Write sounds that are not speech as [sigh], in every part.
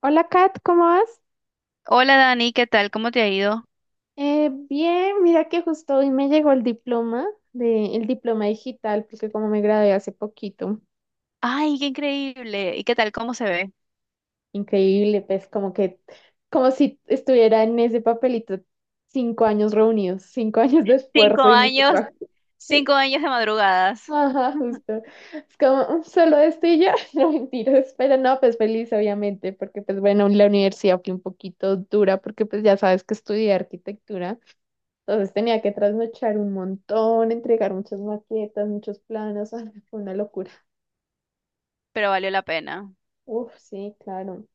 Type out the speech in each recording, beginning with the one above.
Hola Kat, ¿cómo vas? Hola Dani, ¿qué tal? ¿Cómo te ha ido? Bien, mira que justo hoy me llegó el diploma de, el diploma digital, porque como me gradué hace poquito, Ay, qué increíble. ¿Y qué tal? ¿Cómo se ve? increíble, pues como que, como si estuviera en ese papelito 5 años reunidos, 5 años de Cinco esfuerzo y mucho años, trabajo. [laughs] 5 años de madrugadas, Ajá, justo. Es como solo esto y ya, [laughs] no mentiras, pero no, pues feliz obviamente, porque pues bueno, la universidad fue un poquito dura, porque pues ya sabes que estudié arquitectura. Entonces tenía que trasnochar un montón, entregar muchas maquetas, muchos planos. [laughs] Ay, fue una locura. pero valió la pena. Uf, sí, claro.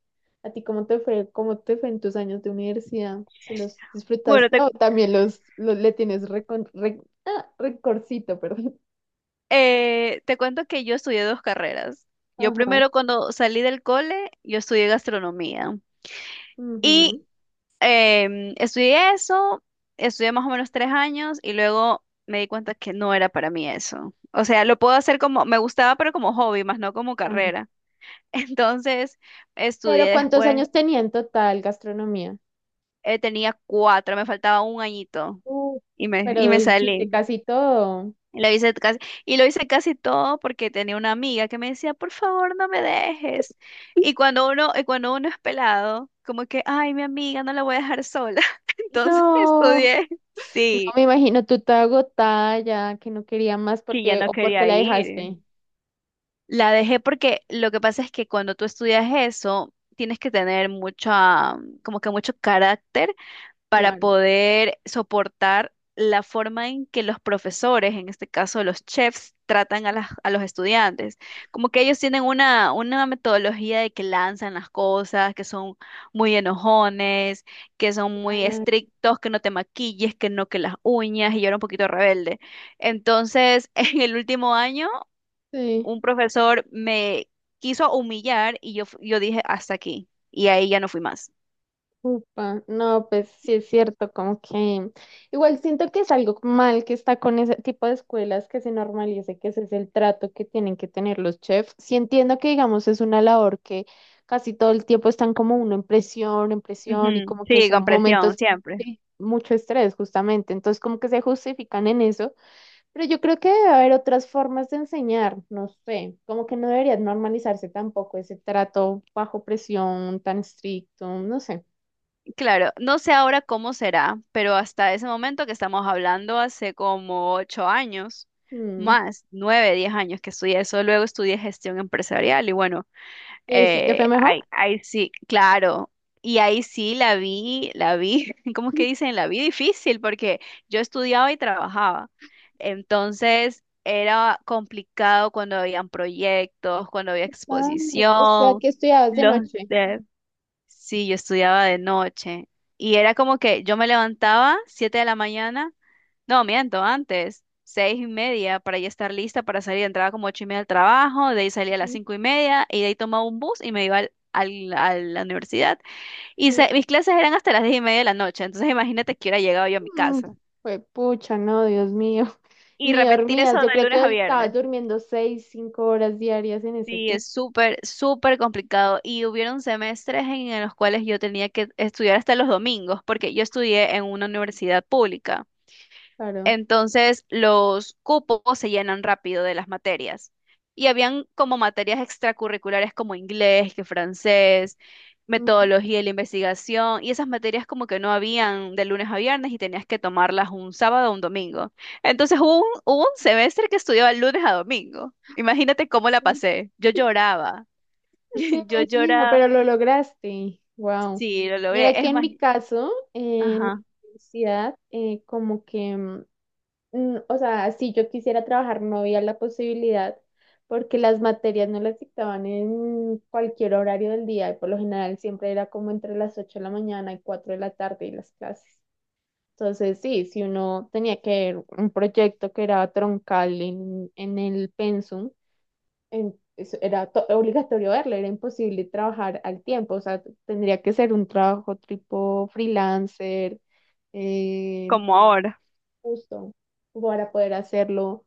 ¿A ti cómo te fue en tus años de universidad? ¿Si los Bueno, disfrutaste te, o también los le tienes recorcito, [laughs] perdón? eh, te cuento que yo estudié dos carreras. Yo Ajá. primero cuando salí del cole, yo estudié gastronomía. Y Ujú, estudié eso, estudié más o menos 3 años y luego me di cuenta que no era para mí eso. O sea, lo puedo hacer como, me gustaba, pero como hobby, más no como claro. carrera. [laughs] Entonces, Pero estudié ¿cuántos después. años tenía en total gastronomía? Tenía cuatro, me faltaba un añito Uh, y me, y pero me hiciste salí. casi todo. Y lo hice casi, y lo hice casi todo porque tenía una amiga que me decía, por favor, no me dejes. Y cuando uno es pelado, como que, ay, mi amiga, no la voy a dejar sola. [laughs] Entonces No, estudié, no sí, me imagino tú te agotada ya, que no quería más que ya porque no o porque quería la dejaste. ir. La dejé porque lo que pasa es que cuando tú estudias eso, tienes que tener mucha, como que mucho carácter para Claro. poder soportar la forma en que los profesores, en este caso los chefs, tratan a los estudiantes. Como que ellos tienen una metodología de que lanzan las cosas, que son muy enojones, que son muy Claro, estrictos, que no te maquilles, que no que las uñas, y yo era un poquito rebelde. Entonces, [laughs] en el último año, sí, un profesor me quiso humillar y yo dije, hasta aquí, y ahí ya no fui más. upa. No, pues sí es cierto, como que igual siento que es algo mal que está con ese tipo de escuelas que se normalice, que ese es el trato que tienen que tener los chefs. Sí entiendo que, digamos, es una labor que casi todo el tiempo están como uno en presión y Ujú. como que Sí, son con presión, momentos siempre. de mucho estrés, justamente. Entonces, como que se justifican en eso. Pero yo creo que debe haber otras formas de enseñar, no sé, como que no debería normalizarse tampoco ese trato bajo presión tan estricto, no sé. Claro, no sé ahora cómo será, pero hasta ese momento que estamos hablando, hace como 8 años, Mm. más 9, 10 años que estudié eso, luego estudié gestión empresarial y bueno. ¿Y ahí sí te Eh, fue mejor? ahí, ahí sí, claro. Y ahí sí la vi, [laughs] ¿cómo es que dicen? La vi difícil porque yo estudiaba y trabajaba. Entonces era complicado cuando habían proyectos, cuando había Ah, o sea, exposición. que estudiabas de Los noche. de... Sí, yo estudiaba de noche. Y era como que yo me levantaba 7 de la mañana no, miento, antes, 6:30 para ya estar lista para salir. Entraba como 8:30 al trabajo, de ahí salía a las Ujú, 5:30 y de ahí tomaba un bus y me iba a la universidad. Y sí. se- mis clases eran hasta las 10:30 de la noche, entonces imagínate que hubiera llegado yo a mi Mm, casa. fue pucha, no, Dios mío. [laughs] Y Ni repetir dormías, eso yo de creo que lunes a estabas viernes. durmiendo seis, 5 horas diarias en ese Sí, tiempo, es súper, súper complicado. Y hubieron semestres en los cuales yo tenía que estudiar hasta los domingos, porque yo estudié en una universidad pública. claro. Entonces, los cupos se llenan rápido de las materias. Y habían como materias extracurriculares como inglés, que francés, Ujú. metodología de la investigación, y esas materias como que no habían de lunes a viernes y tenías que tomarlas un sábado o un domingo. Entonces hubo un semestre que estudiaba lunes a domingo. Imagínate cómo la pasé. Yo lloraba. Te [laughs] Yo imagino, lloraba. pero lo lograste. Wow. Sí, lo Mira logré. que Es en más, mi caso, en mi ajá, universidad, como que, o sea, si yo quisiera trabajar no había la posibilidad porque las materias no las dictaban en cualquier horario del día y por lo general siempre era como entre las 8 de la mañana y 4 de la tarde y las clases. Entonces, sí, si uno tenía que ver un proyecto que era troncal en el pensum, era obligatorio verla, era imposible trabajar al tiempo, o sea, tendría que ser un trabajo tipo freelancer, eh, como ahora. justo, para poder hacerlo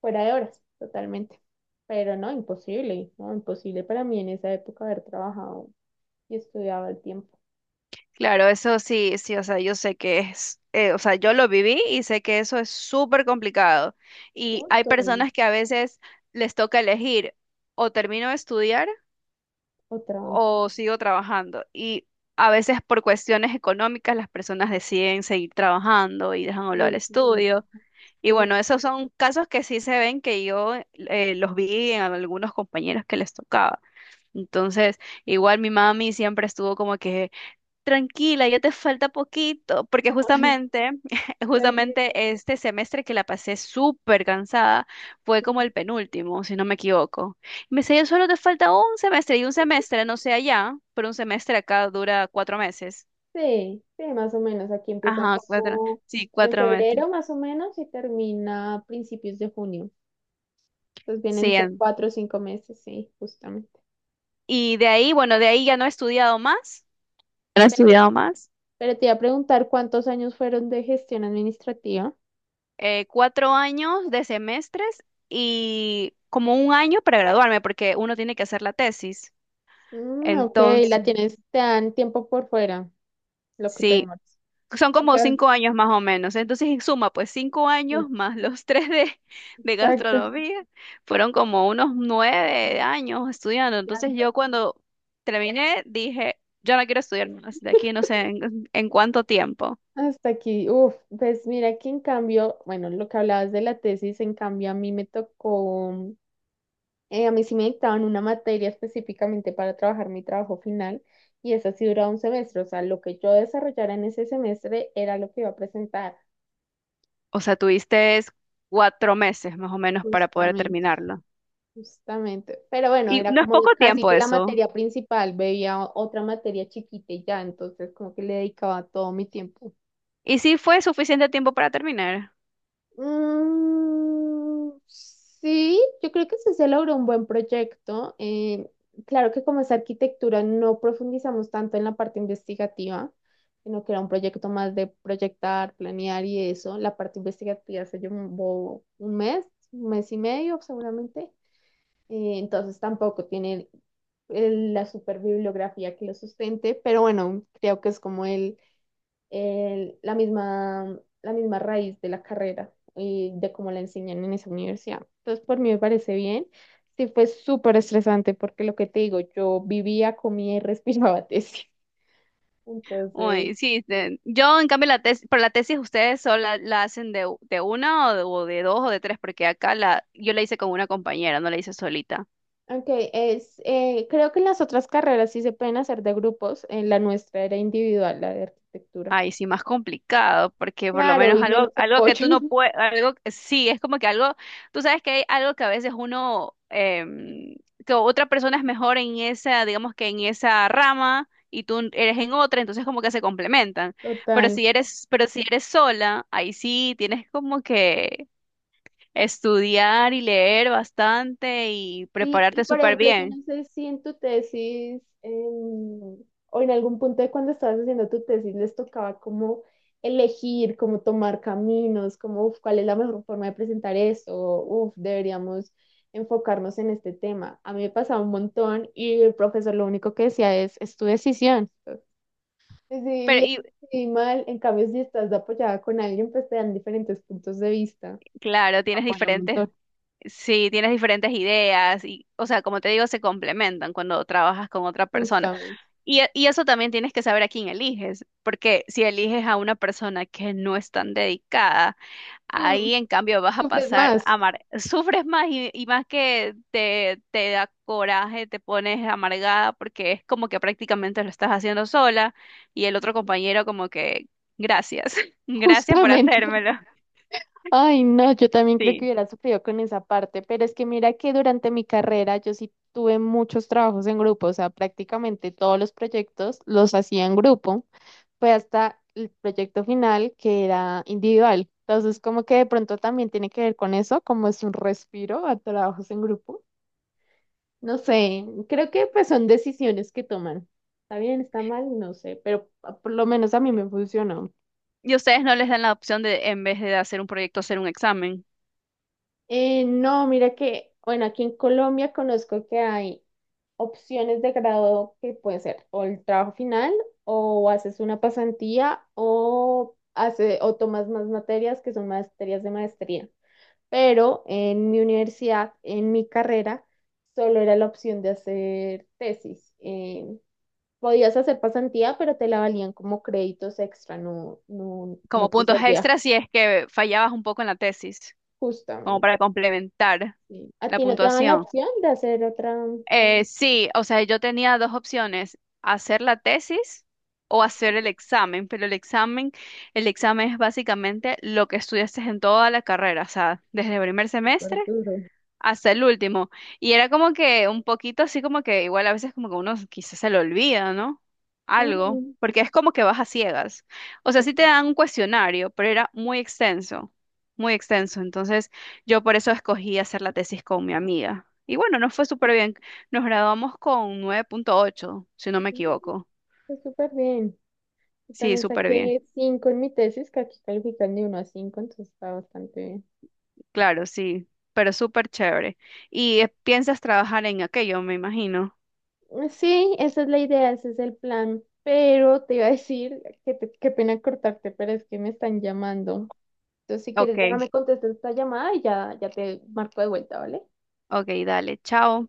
fuera de horas, totalmente. Pero no, imposible, no, imposible para mí en esa época haber trabajado y estudiado al tiempo. Claro, eso sí, sí, o sea, yo sé que es, o sea, yo lo viví y sé que eso es súper complicado. Y hay Justo, personas que a veces les toca elegir o termino de estudiar otra. o sigo trabajando. Y a veces por cuestiones económicas las personas deciden seguir trabajando y dejan a un lado el y- y- estudio. Y No, bueno, esos son casos que sí se ven que yo los vi en algunos compañeros que les tocaba. Entonces, igual mi mami siempre estuvo como que tranquila, ya te falta poquito, porque [laughs] justamente, [laughs] ¿sabes qué? justamente este semestre que la pasé súper cansada fue como Ujú. el penúltimo, si no me equivoco. Y me decía, yo solo te falta un semestre y un semestre, no sé allá, pero un semestre acá dura 4 meses. Sí, sí, más o menos. Aquí empieza Ajá, cuatro, como sí, en 4 meses. febrero, más o menos, y termina a principios de junio. Entonces vienen a Sí. ser En... 4 o 5 meses, sí, justamente. Y de ahí, bueno, de ahí ya no he estudiado más. No he Pero, estudiado más. pero te iba a preguntar cuántos años fueron de gestión administrativa. Cuatro años de semestres y como un año para graduarme, porque uno tiene que hacer la tesis. Mm, ok, la Entonces, tienes, te dan tiempo por fuera, lo que te sí, demoras. son como Ca- 5 años más o menos. Entonces, en suma, pues cinco no, años más los [laughs] tres de exacto. gastronomía, fueron como unos 9 años estudiando. Entonces, yo cuando terminé, dije, yo no quiero estudiar más de aquí, no sé en cuánto tiempo. Hasta aquí, uff, pues mira que en cambio, bueno, lo que hablabas de la tesis, en cambio a mí me tocó. A mí sí me dictaban una materia específicamente para trabajar mi trabajo final y esa sí duraba un semestre, o sea, lo que yo desarrollara en ese semestre era lo que iba a presentar. O sea, tuviste es 4 meses más o menos para poder Justamente, terminarlo. justamente. Pero bueno, Y era no es como poco casi tiempo que la eso. materia principal, veía otra materia chiquita y ya, entonces como que le dedicaba todo mi tiempo. Y sí fue suficiente tiempo para terminar. Mm, sí, yo creo que sí se logró un buen proyecto. Claro que como es arquitectura no profundizamos tanto en la parte investigativa, sino que era un proyecto más de proyectar, planear y eso. La parte investigativa se llevó un mes y medio seguramente. Entonces tampoco tiene la super bibliografía que lo sustente, pero bueno, creo que es como la misma, la misma raíz de la carrera y de cómo la enseñan en esa universidad. Entonces, por mí me parece bien. Sí, fue súper estresante porque lo que te digo, yo vivía, comía y [laughs] respiraba tesis. Entonces, Uy, sí, de- yo en cambio la tesis, pero la tesis ustedes solo la hacen de una o de dos o de tres, porque acá, yo la hice con una compañera, no la hice solita. aunque es, creo que en las otras carreras sí se pueden hacer de grupos, en la nuestra era individual, la de arquitectura. Ay, sí, más complicado, porque por lo Claro, menos y menos algo que apoyo. tú no [laughs] puedes, algo, sí, es como que algo, tú sabes que hay algo que a veces uno, que otra persona es mejor en esa, digamos que en esa rama y tú eres en otra, entonces como que se complementan. Pero Total. si eres, pero si eres sola, ahí sí tienes como que estudiar y leer bastante y Sí, y prepararte por súper ejemplo, yo bien. no sé si en tu tesis o en algún punto de cuando estabas haciendo tu tesis les tocaba como elegir, como tomar caminos, como uf, cuál es la mejor forma de presentar esto, uf, deberíamos enfocarnos en este tema. A mí me pasaba un montón y el profesor lo único que decía es tu decisión. Decidí Pero bien, y decidí mal, en cambio si estás apoyada con alguien, pues te dan diferentes puntos de vista. claro, tienes Apoya un diferentes, montón, sí, tienes diferentes ideas y, o sea, como te digo, se complementan cuando trabajas con otra persona. justamente. Y eso también tienes que saber a quién eliges, porque si eliges a una persona que no es tan dedicada, Mm, ahí en cambio vas a sufres pasar a más. amar, [laughs] sufres más y más que te da coraje, te pones amargada porque es como que prácticamente lo estás haciendo sola y el otro compañero como que gracias, [laughs] gracias por Justamente. hacérmelo. Ay, no, yo también creo que Sí. hubiera sufrido con esa parte, pero es que mira que durante mi carrera yo sí tuve muchos trabajos en grupo, o sea, prácticamente todos los proyectos los hacía en grupo, fue hasta el proyecto final que era individual. Entonces, como que de pronto también tiene que ver con eso, como es un respiro a trabajos en grupo. No sé, creo que pues son decisiones que toman. Está bien, está mal, no sé, pero ah, por lo menos a mí me funcionó. Y ustedes no les dan la opción de en vez de hacer un proyecto hacer un examen No, mira que, bueno, aquí en Colombia conozco que hay opciones de grado que pueden ser o el trabajo final o haces una pasantía o, o tomas más materias que son materias de maestría. Pero en mi universidad, en mi carrera, solo era la opción de hacer tesis. Podías hacer pasantía, pero te la valían como créditos extra, no, no, no como te puntos servía extras si es que fallabas un poco en la tesis. Como justamente. para complementar Sí. ¿A la ti no te daban la puntuación. opción de hacer otra? Sí, o sea, yo tenía dos opciones, hacer la tesis o hacer el examen, pero el examen es básicamente lo que estudiaste en toda la carrera, o sea, desde el primer Súper semestre duro. hasta el último. Y era como que un poquito así como que igual a veces como que uno quizás se le olvida, ¿no? Algo, Mm, porque es como que vas a ciegas. O sea, pues, sí te dan un cuestionario, pero era muy extenso, muy extenso. Entonces yo por eso escogí hacer la tesis con mi amiga. Y bueno, nos fue súper bien. Nos graduamos con 9,8 si no me mm, equivoco. pues súper bien. Yo Sí, también súper bien. saqué 5 en mi tesis, que aquí califican de 1 a 5, entonces está bastante bien. Claro, sí, pero súper chévere. Y piensas trabajar en aquello, me imagino. Sí, esa es la idea, ese es el plan. Pero te iba a decir, que qué pena cortarte, pero es que me están llamando. Entonces, si quieres, Ok, déjame contestar esta llamada y ya, ya te marco de vuelta, ¿vale? ok, dale, chao.